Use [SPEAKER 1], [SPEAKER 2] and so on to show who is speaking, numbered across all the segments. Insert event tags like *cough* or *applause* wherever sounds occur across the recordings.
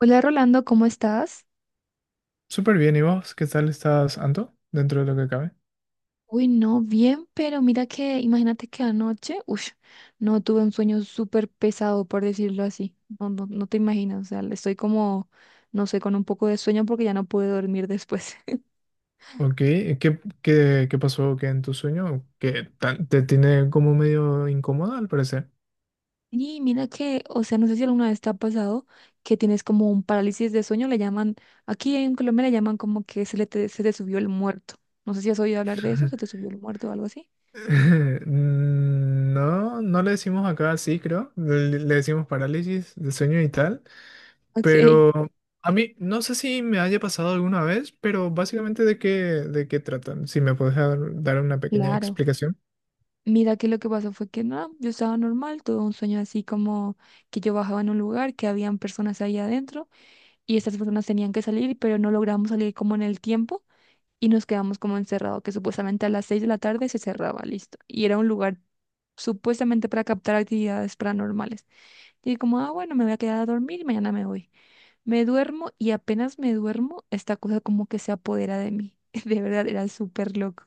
[SPEAKER 1] Hola Rolando, ¿cómo estás?
[SPEAKER 2] Súper bien, ¿y vos? ¿Qué tal estás, Anto? Dentro de lo que cabe.
[SPEAKER 1] Uy, no, bien, pero mira que, imagínate que anoche, uy, no tuve un sueño súper pesado, por decirlo así. No, no, no te imaginas, o sea, estoy como, no sé, con un poco de sueño porque ya no pude dormir después. *laughs*
[SPEAKER 2] Ok, ¿qué pasó que en tu sueño? Que te tiene como medio incómoda al parecer.
[SPEAKER 1] Y mira que, o sea, no sé si alguna vez te ha pasado que tienes como un parálisis de sueño, le llaman, aquí en Colombia le llaman como que se te subió el muerto. No sé si has oído hablar de eso, se te
[SPEAKER 2] *laughs*
[SPEAKER 1] subió el muerto o algo así.
[SPEAKER 2] No, no le decimos acá así, creo. Le decimos parálisis de sueño y tal.
[SPEAKER 1] Ok,
[SPEAKER 2] Pero a mí, no sé si me haya pasado alguna vez, pero básicamente de qué tratan. Si me puedes dar una pequeña
[SPEAKER 1] claro.
[SPEAKER 2] explicación.
[SPEAKER 1] Mira que lo que pasó fue que nada, yo estaba normal, tuve un sueño así como que yo bajaba en un lugar, que habían personas ahí adentro y estas personas tenían que salir, pero no logramos salir como en el tiempo y nos quedamos como encerrados, que supuestamente a las 6 de la tarde se cerraba, listo. Y era un lugar supuestamente para captar actividades paranormales. Y dije como, ah, bueno, me voy a quedar a dormir y mañana me voy. Me duermo y apenas me duermo, esta cosa como que se apodera de mí. *laughs* De verdad, era súper loco.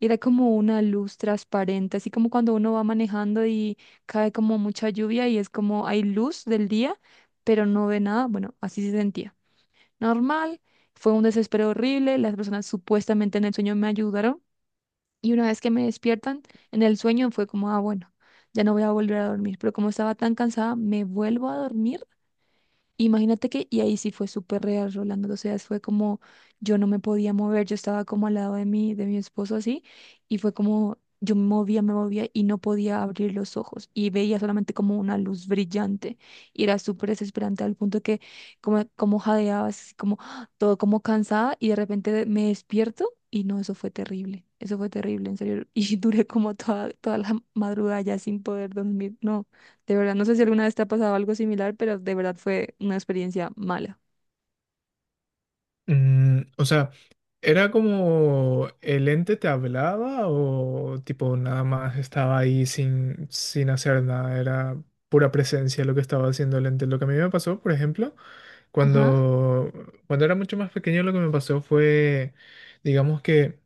[SPEAKER 1] Era como una luz transparente, así como cuando uno va manejando y cae como mucha lluvia y es como hay luz del día, pero no ve nada. Bueno, así se sentía. Normal, fue un desespero horrible, las personas supuestamente en el sueño me ayudaron y una vez que me despiertan en el sueño fue como, ah, bueno, ya no voy a volver a dormir, pero como estaba tan cansada, me vuelvo a dormir. Imagínate que, y ahí sí fue súper real, Rolando, o sea, fue como, yo no me podía mover, yo estaba como al lado de de mi esposo así, y fue como, me movía y no podía abrir los ojos, y veía solamente como una luz brillante, y era súper desesperante al punto que como jadeaba, así como, ¡ah!, todo como cansada, y de repente me despierto, y no, eso fue terrible, en serio, *laughs* y duré como toda la madrugada ya sin poder dormir, no. De verdad, no sé si alguna vez te ha pasado algo similar, pero de verdad fue una experiencia mala.
[SPEAKER 2] Mm, o sea, ¿era como el ente te hablaba o tipo nada más estaba ahí sin hacer nada? Era pura presencia lo que estaba haciendo el ente. Lo que a mí me pasó, por ejemplo,
[SPEAKER 1] Ajá,
[SPEAKER 2] cuando, cuando era mucho más pequeño, lo que me pasó fue, digamos que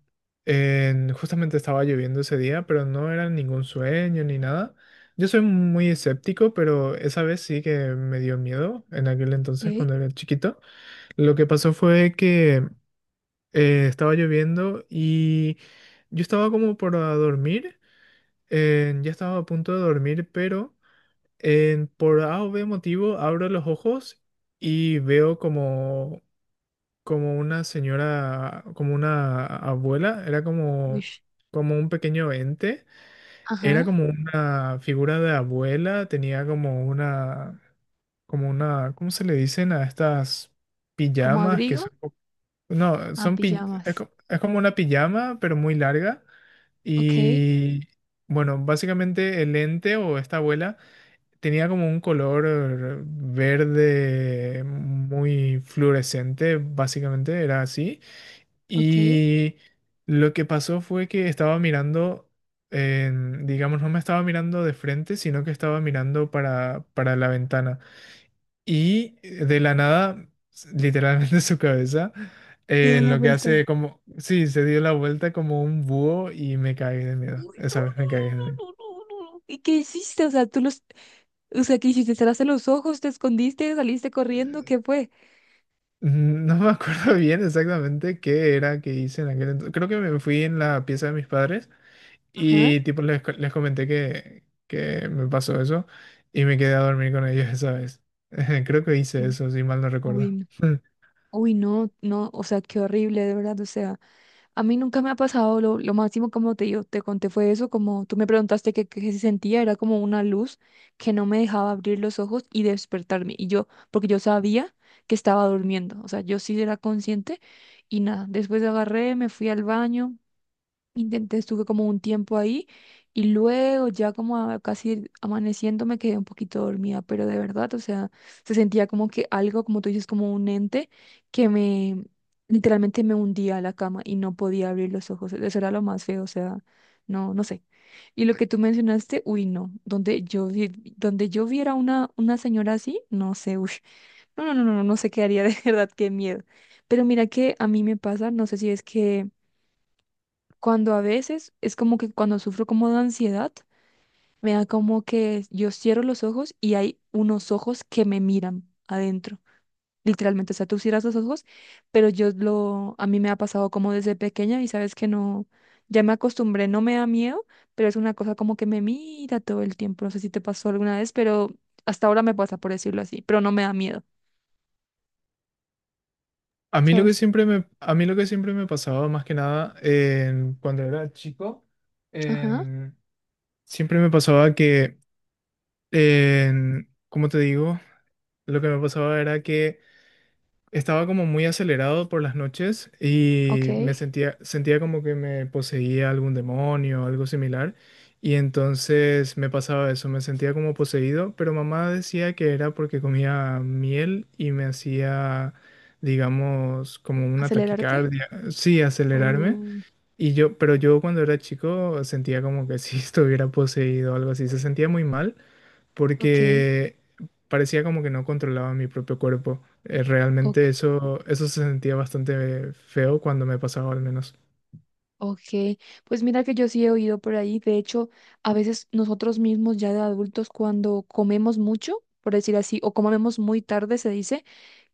[SPEAKER 2] justamente estaba lloviendo ese día, pero no era ningún sueño ni nada. Yo soy muy escéptico, pero esa vez sí que me dio miedo en aquel entonces
[SPEAKER 1] ok,
[SPEAKER 2] cuando era chiquito. Lo que pasó fue que estaba lloviendo y yo estaba como para dormir, ya estaba a punto de dormir, pero por A o B motivo abro los ojos y veo como, como una señora, como una abuela, era como,
[SPEAKER 1] wish.
[SPEAKER 2] como un pequeño ente, era
[SPEAKER 1] Ajá,
[SPEAKER 2] como una figura de abuela, tenía como una, ¿cómo se le dicen a estas
[SPEAKER 1] como
[SPEAKER 2] pijamas que
[SPEAKER 1] abrigo,
[SPEAKER 2] son? No,
[SPEAKER 1] ah,
[SPEAKER 2] son pi- es,
[SPEAKER 1] pijamas.
[SPEAKER 2] co- es como una pijama, pero muy larga.
[SPEAKER 1] Ok,
[SPEAKER 2] Y bueno, básicamente el ente o esta abuela tenía como un color verde muy fluorescente, básicamente era así.
[SPEAKER 1] ok.
[SPEAKER 2] Y lo que pasó fue que estaba mirando, digamos, no me estaba mirando de frente, sino que estaba mirando para la ventana. Y de la nada, literalmente *laughs* su cabeza,
[SPEAKER 1] Te da
[SPEAKER 2] en
[SPEAKER 1] la
[SPEAKER 2] lo que hace
[SPEAKER 1] vuelta.
[SPEAKER 2] como, sí, se dio la vuelta como un búho y me cagué de miedo.
[SPEAKER 1] Uy, no,
[SPEAKER 2] Esa vez me cagué de
[SPEAKER 1] no,
[SPEAKER 2] miedo.
[SPEAKER 1] no, no, no, no, no. ¿Y qué hiciste? O sea, o sea, ¿qué hiciste? ¿Cerraste los ojos? ¿Te escondiste? ¿Saliste corriendo? ¿Qué fue?
[SPEAKER 2] No me acuerdo *laughs* bien exactamente qué era que hice en aquel entonces. Creo que me fui en la pieza de mis padres
[SPEAKER 1] Ajá.
[SPEAKER 2] y tipo les comenté que me pasó eso y me quedé a dormir con ellos esa vez. *laughs* Creo que hice
[SPEAKER 1] Qué.
[SPEAKER 2] eso, si mal no
[SPEAKER 1] Uy,
[SPEAKER 2] recuerdo.
[SPEAKER 1] no.
[SPEAKER 2] *laughs*
[SPEAKER 1] Uy, no, no, o sea, qué horrible, de verdad, o sea. A mí nunca me ha pasado, lo máximo como te digo, te conté fue eso, como tú me preguntaste qué se sentía, era como una luz que no me dejaba abrir los ojos y despertarme. Y yo, porque yo sabía que estaba durmiendo, o sea, yo sí era consciente y nada, después agarré, me fui al baño. Intenté, estuve como un tiempo ahí y luego ya como casi amaneciendo me quedé un poquito dormida, pero de verdad, o sea, se sentía como que algo, como tú dices, como un ente que me literalmente me hundía a la cama y no podía abrir los ojos. Eso era lo más feo, o sea, no, no sé. Y lo que tú mencionaste, uy, no, donde donde yo viera una señora así, no sé, uy, no, no, no, no, no sé qué haría *laughs* de verdad, qué miedo. Pero mira que a mí me pasa, no sé si es que cuando a veces es como que cuando sufro como de ansiedad, me da como que yo cierro los ojos y hay unos ojos que me miran adentro. Literalmente, o sea, tú cierras los ojos, pero a mí me ha pasado como desde pequeña y sabes que no, ya me acostumbré, no me da miedo, pero es una cosa como que me mira todo el tiempo. No sé si te pasó alguna vez, pero hasta ahora me pasa, por decirlo así, pero no me da miedo, ¿sabes?
[SPEAKER 2] A mí lo que siempre me pasaba más que nada cuando era chico,
[SPEAKER 1] Ajá,
[SPEAKER 2] en- siempre me pasaba que, como te digo, lo que me pasaba era que estaba como muy acelerado por las noches
[SPEAKER 1] ok.
[SPEAKER 2] y me sentía, sentía como que me poseía algún demonio o algo similar. Y entonces me pasaba eso, me sentía como poseído, pero mamá decía que era porque comía miel y me hacía, digamos, como una
[SPEAKER 1] Acelerarte.
[SPEAKER 2] taquicardia, sí, acelerarme.
[SPEAKER 1] Oh,
[SPEAKER 2] Y yo, pero yo cuando era chico sentía como que si *laughs* estuviera poseído o algo así, se sentía muy mal
[SPEAKER 1] ok,
[SPEAKER 2] porque parecía como que no controlaba mi propio cuerpo.
[SPEAKER 1] ok.
[SPEAKER 2] Realmente eso se sentía bastante feo cuando me pasaba al menos.
[SPEAKER 1] Ok, pues mira que yo sí he oído por ahí, de hecho, a veces nosotros mismos ya de adultos cuando comemos mucho, por decir así, o comemos muy tarde, se dice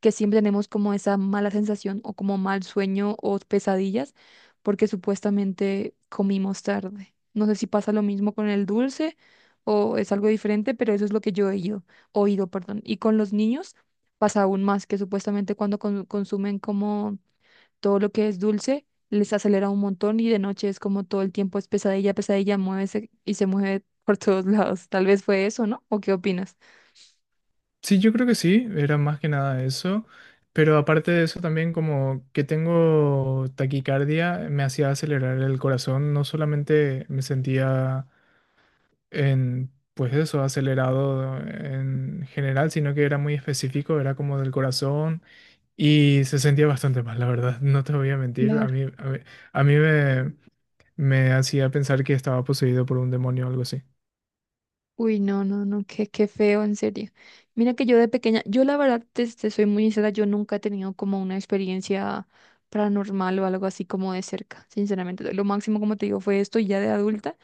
[SPEAKER 1] que siempre tenemos como esa mala sensación o como mal sueño o pesadillas porque supuestamente comimos tarde. No sé si pasa lo mismo con el dulce o es algo diferente, pero eso es lo que yo he oído, perdón. Y con los niños pasa aún más que supuestamente cuando consumen como todo lo que es dulce les acelera un montón y de noche es como todo el tiempo es pesadilla, pesadilla, muévese y se mueve *laughs* por todos lados. Tal vez fue eso, ¿no? ¿O qué opinas?
[SPEAKER 2] Sí, yo creo que sí, era más que nada eso, pero aparte de eso también como que tengo taquicardia, me hacía acelerar el corazón, no solamente me sentía pues eso, acelerado en general, sino que era muy específico, era como del corazón. Y se sentía bastante mal, la verdad, no te voy a mentir.
[SPEAKER 1] Claro.
[SPEAKER 2] A mí me, me hacía pensar que estaba poseído por un demonio o algo así.
[SPEAKER 1] Uy, no, no, no, qué, qué feo, en serio. Mira que yo de pequeña, yo la verdad, te soy muy sincera, yo nunca he tenido como una experiencia paranormal o algo así como de cerca, sinceramente. Lo máximo, como te digo, fue esto y ya de adulta.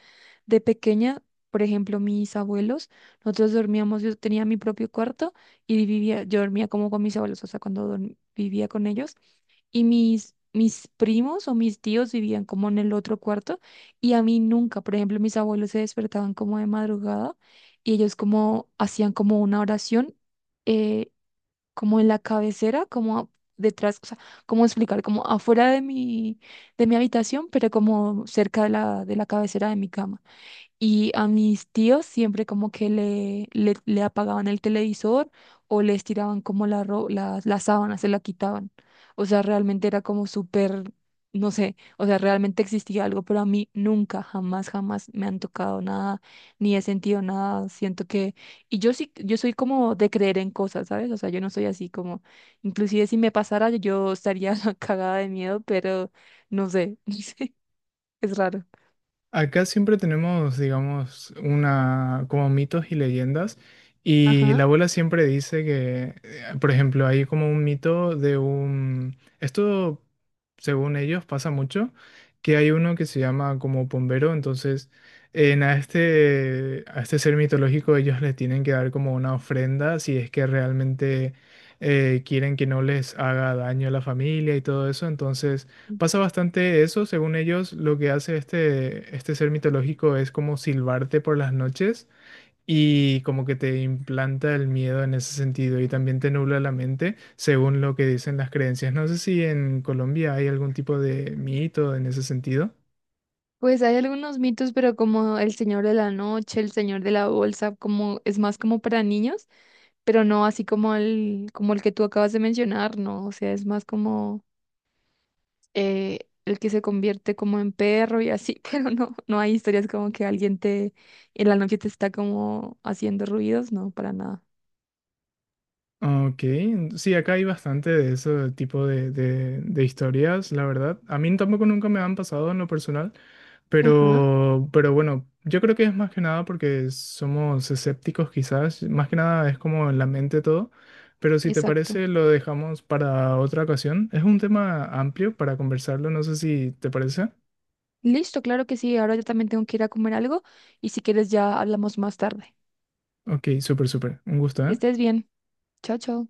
[SPEAKER 1] De pequeña, por ejemplo, mis abuelos, nosotros dormíamos, yo tenía mi propio cuarto y vivía, yo dormía como con mis abuelos, o sea, cuando vivía con ellos. Y mis primos o mis tíos vivían como en el otro cuarto y a mí nunca, por ejemplo, mis abuelos se despertaban como de madrugada y ellos como hacían como una oración, eh, como en la cabecera, como detrás, o sea, cómo explicar, como afuera de de mi habitación, pero como cerca de de la cabecera de mi cama. Y a mis tíos siempre como que le apagaban el televisor o les tiraban como la sábana, se la quitaban. O sea, realmente era como súper, no sé, o sea, realmente existía algo, pero a mí nunca, jamás, jamás me han tocado nada, ni he sentido nada. Siento que, y yo sí, yo soy como de creer en cosas, ¿sabes? O sea, yo no soy así como, inclusive si me pasara, yo estaría *laughs* cagada de miedo, pero no sé, *laughs* no sé, es raro.
[SPEAKER 2] Acá siempre tenemos, digamos, una como mitos y leyendas y la
[SPEAKER 1] Ajá.
[SPEAKER 2] abuela siempre dice que, por ejemplo, hay como un mito de un, esto según ellos pasa mucho, que hay uno que se llama como Pombero, entonces en a este ser mitológico ellos le tienen que dar como una ofrenda si es que realmente quieren que no les haga daño a la familia y todo eso, entonces pasa bastante eso, según ellos, lo que hace este ser mitológico es como silbarte por las noches y como que te implanta el miedo en ese sentido y también te nubla la mente, según lo que dicen las creencias. No sé si en Colombia hay algún tipo de mito en ese sentido.
[SPEAKER 1] Pues hay algunos mitos, pero como El Señor de la Noche, El Señor de la Bolsa, como es más como para niños, pero no así como como el que tú acabas de mencionar, no, o sea, es más como el que se convierte como en perro y así, *laughs* pero no, no hay historias como que alguien te en la noche te está como haciendo ruidos, no, para nada.
[SPEAKER 2] Ok, sí, acá hay bastante de ese tipo de, de historias, la verdad. A mí tampoco nunca me han pasado en lo personal.
[SPEAKER 1] Ajá,
[SPEAKER 2] Pero bueno, yo creo que es más que nada porque somos escépticos quizás, más que nada es como en la mente todo, pero si te
[SPEAKER 1] exacto.
[SPEAKER 2] parece lo dejamos para otra ocasión. Es un tema amplio para conversarlo, no sé si te parece.
[SPEAKER 1] Listo, claro que sí, ahora yo también tengo que ir a comer algo y si quieres ya hablamos más tarde.
[SPEAKER 2] Ok, súper, súper, un gusto,
[SPEAKER 1] Que
[SPEAKER 2] ¿eh?
[SPEAKER 1] estés bien. Chao, chao.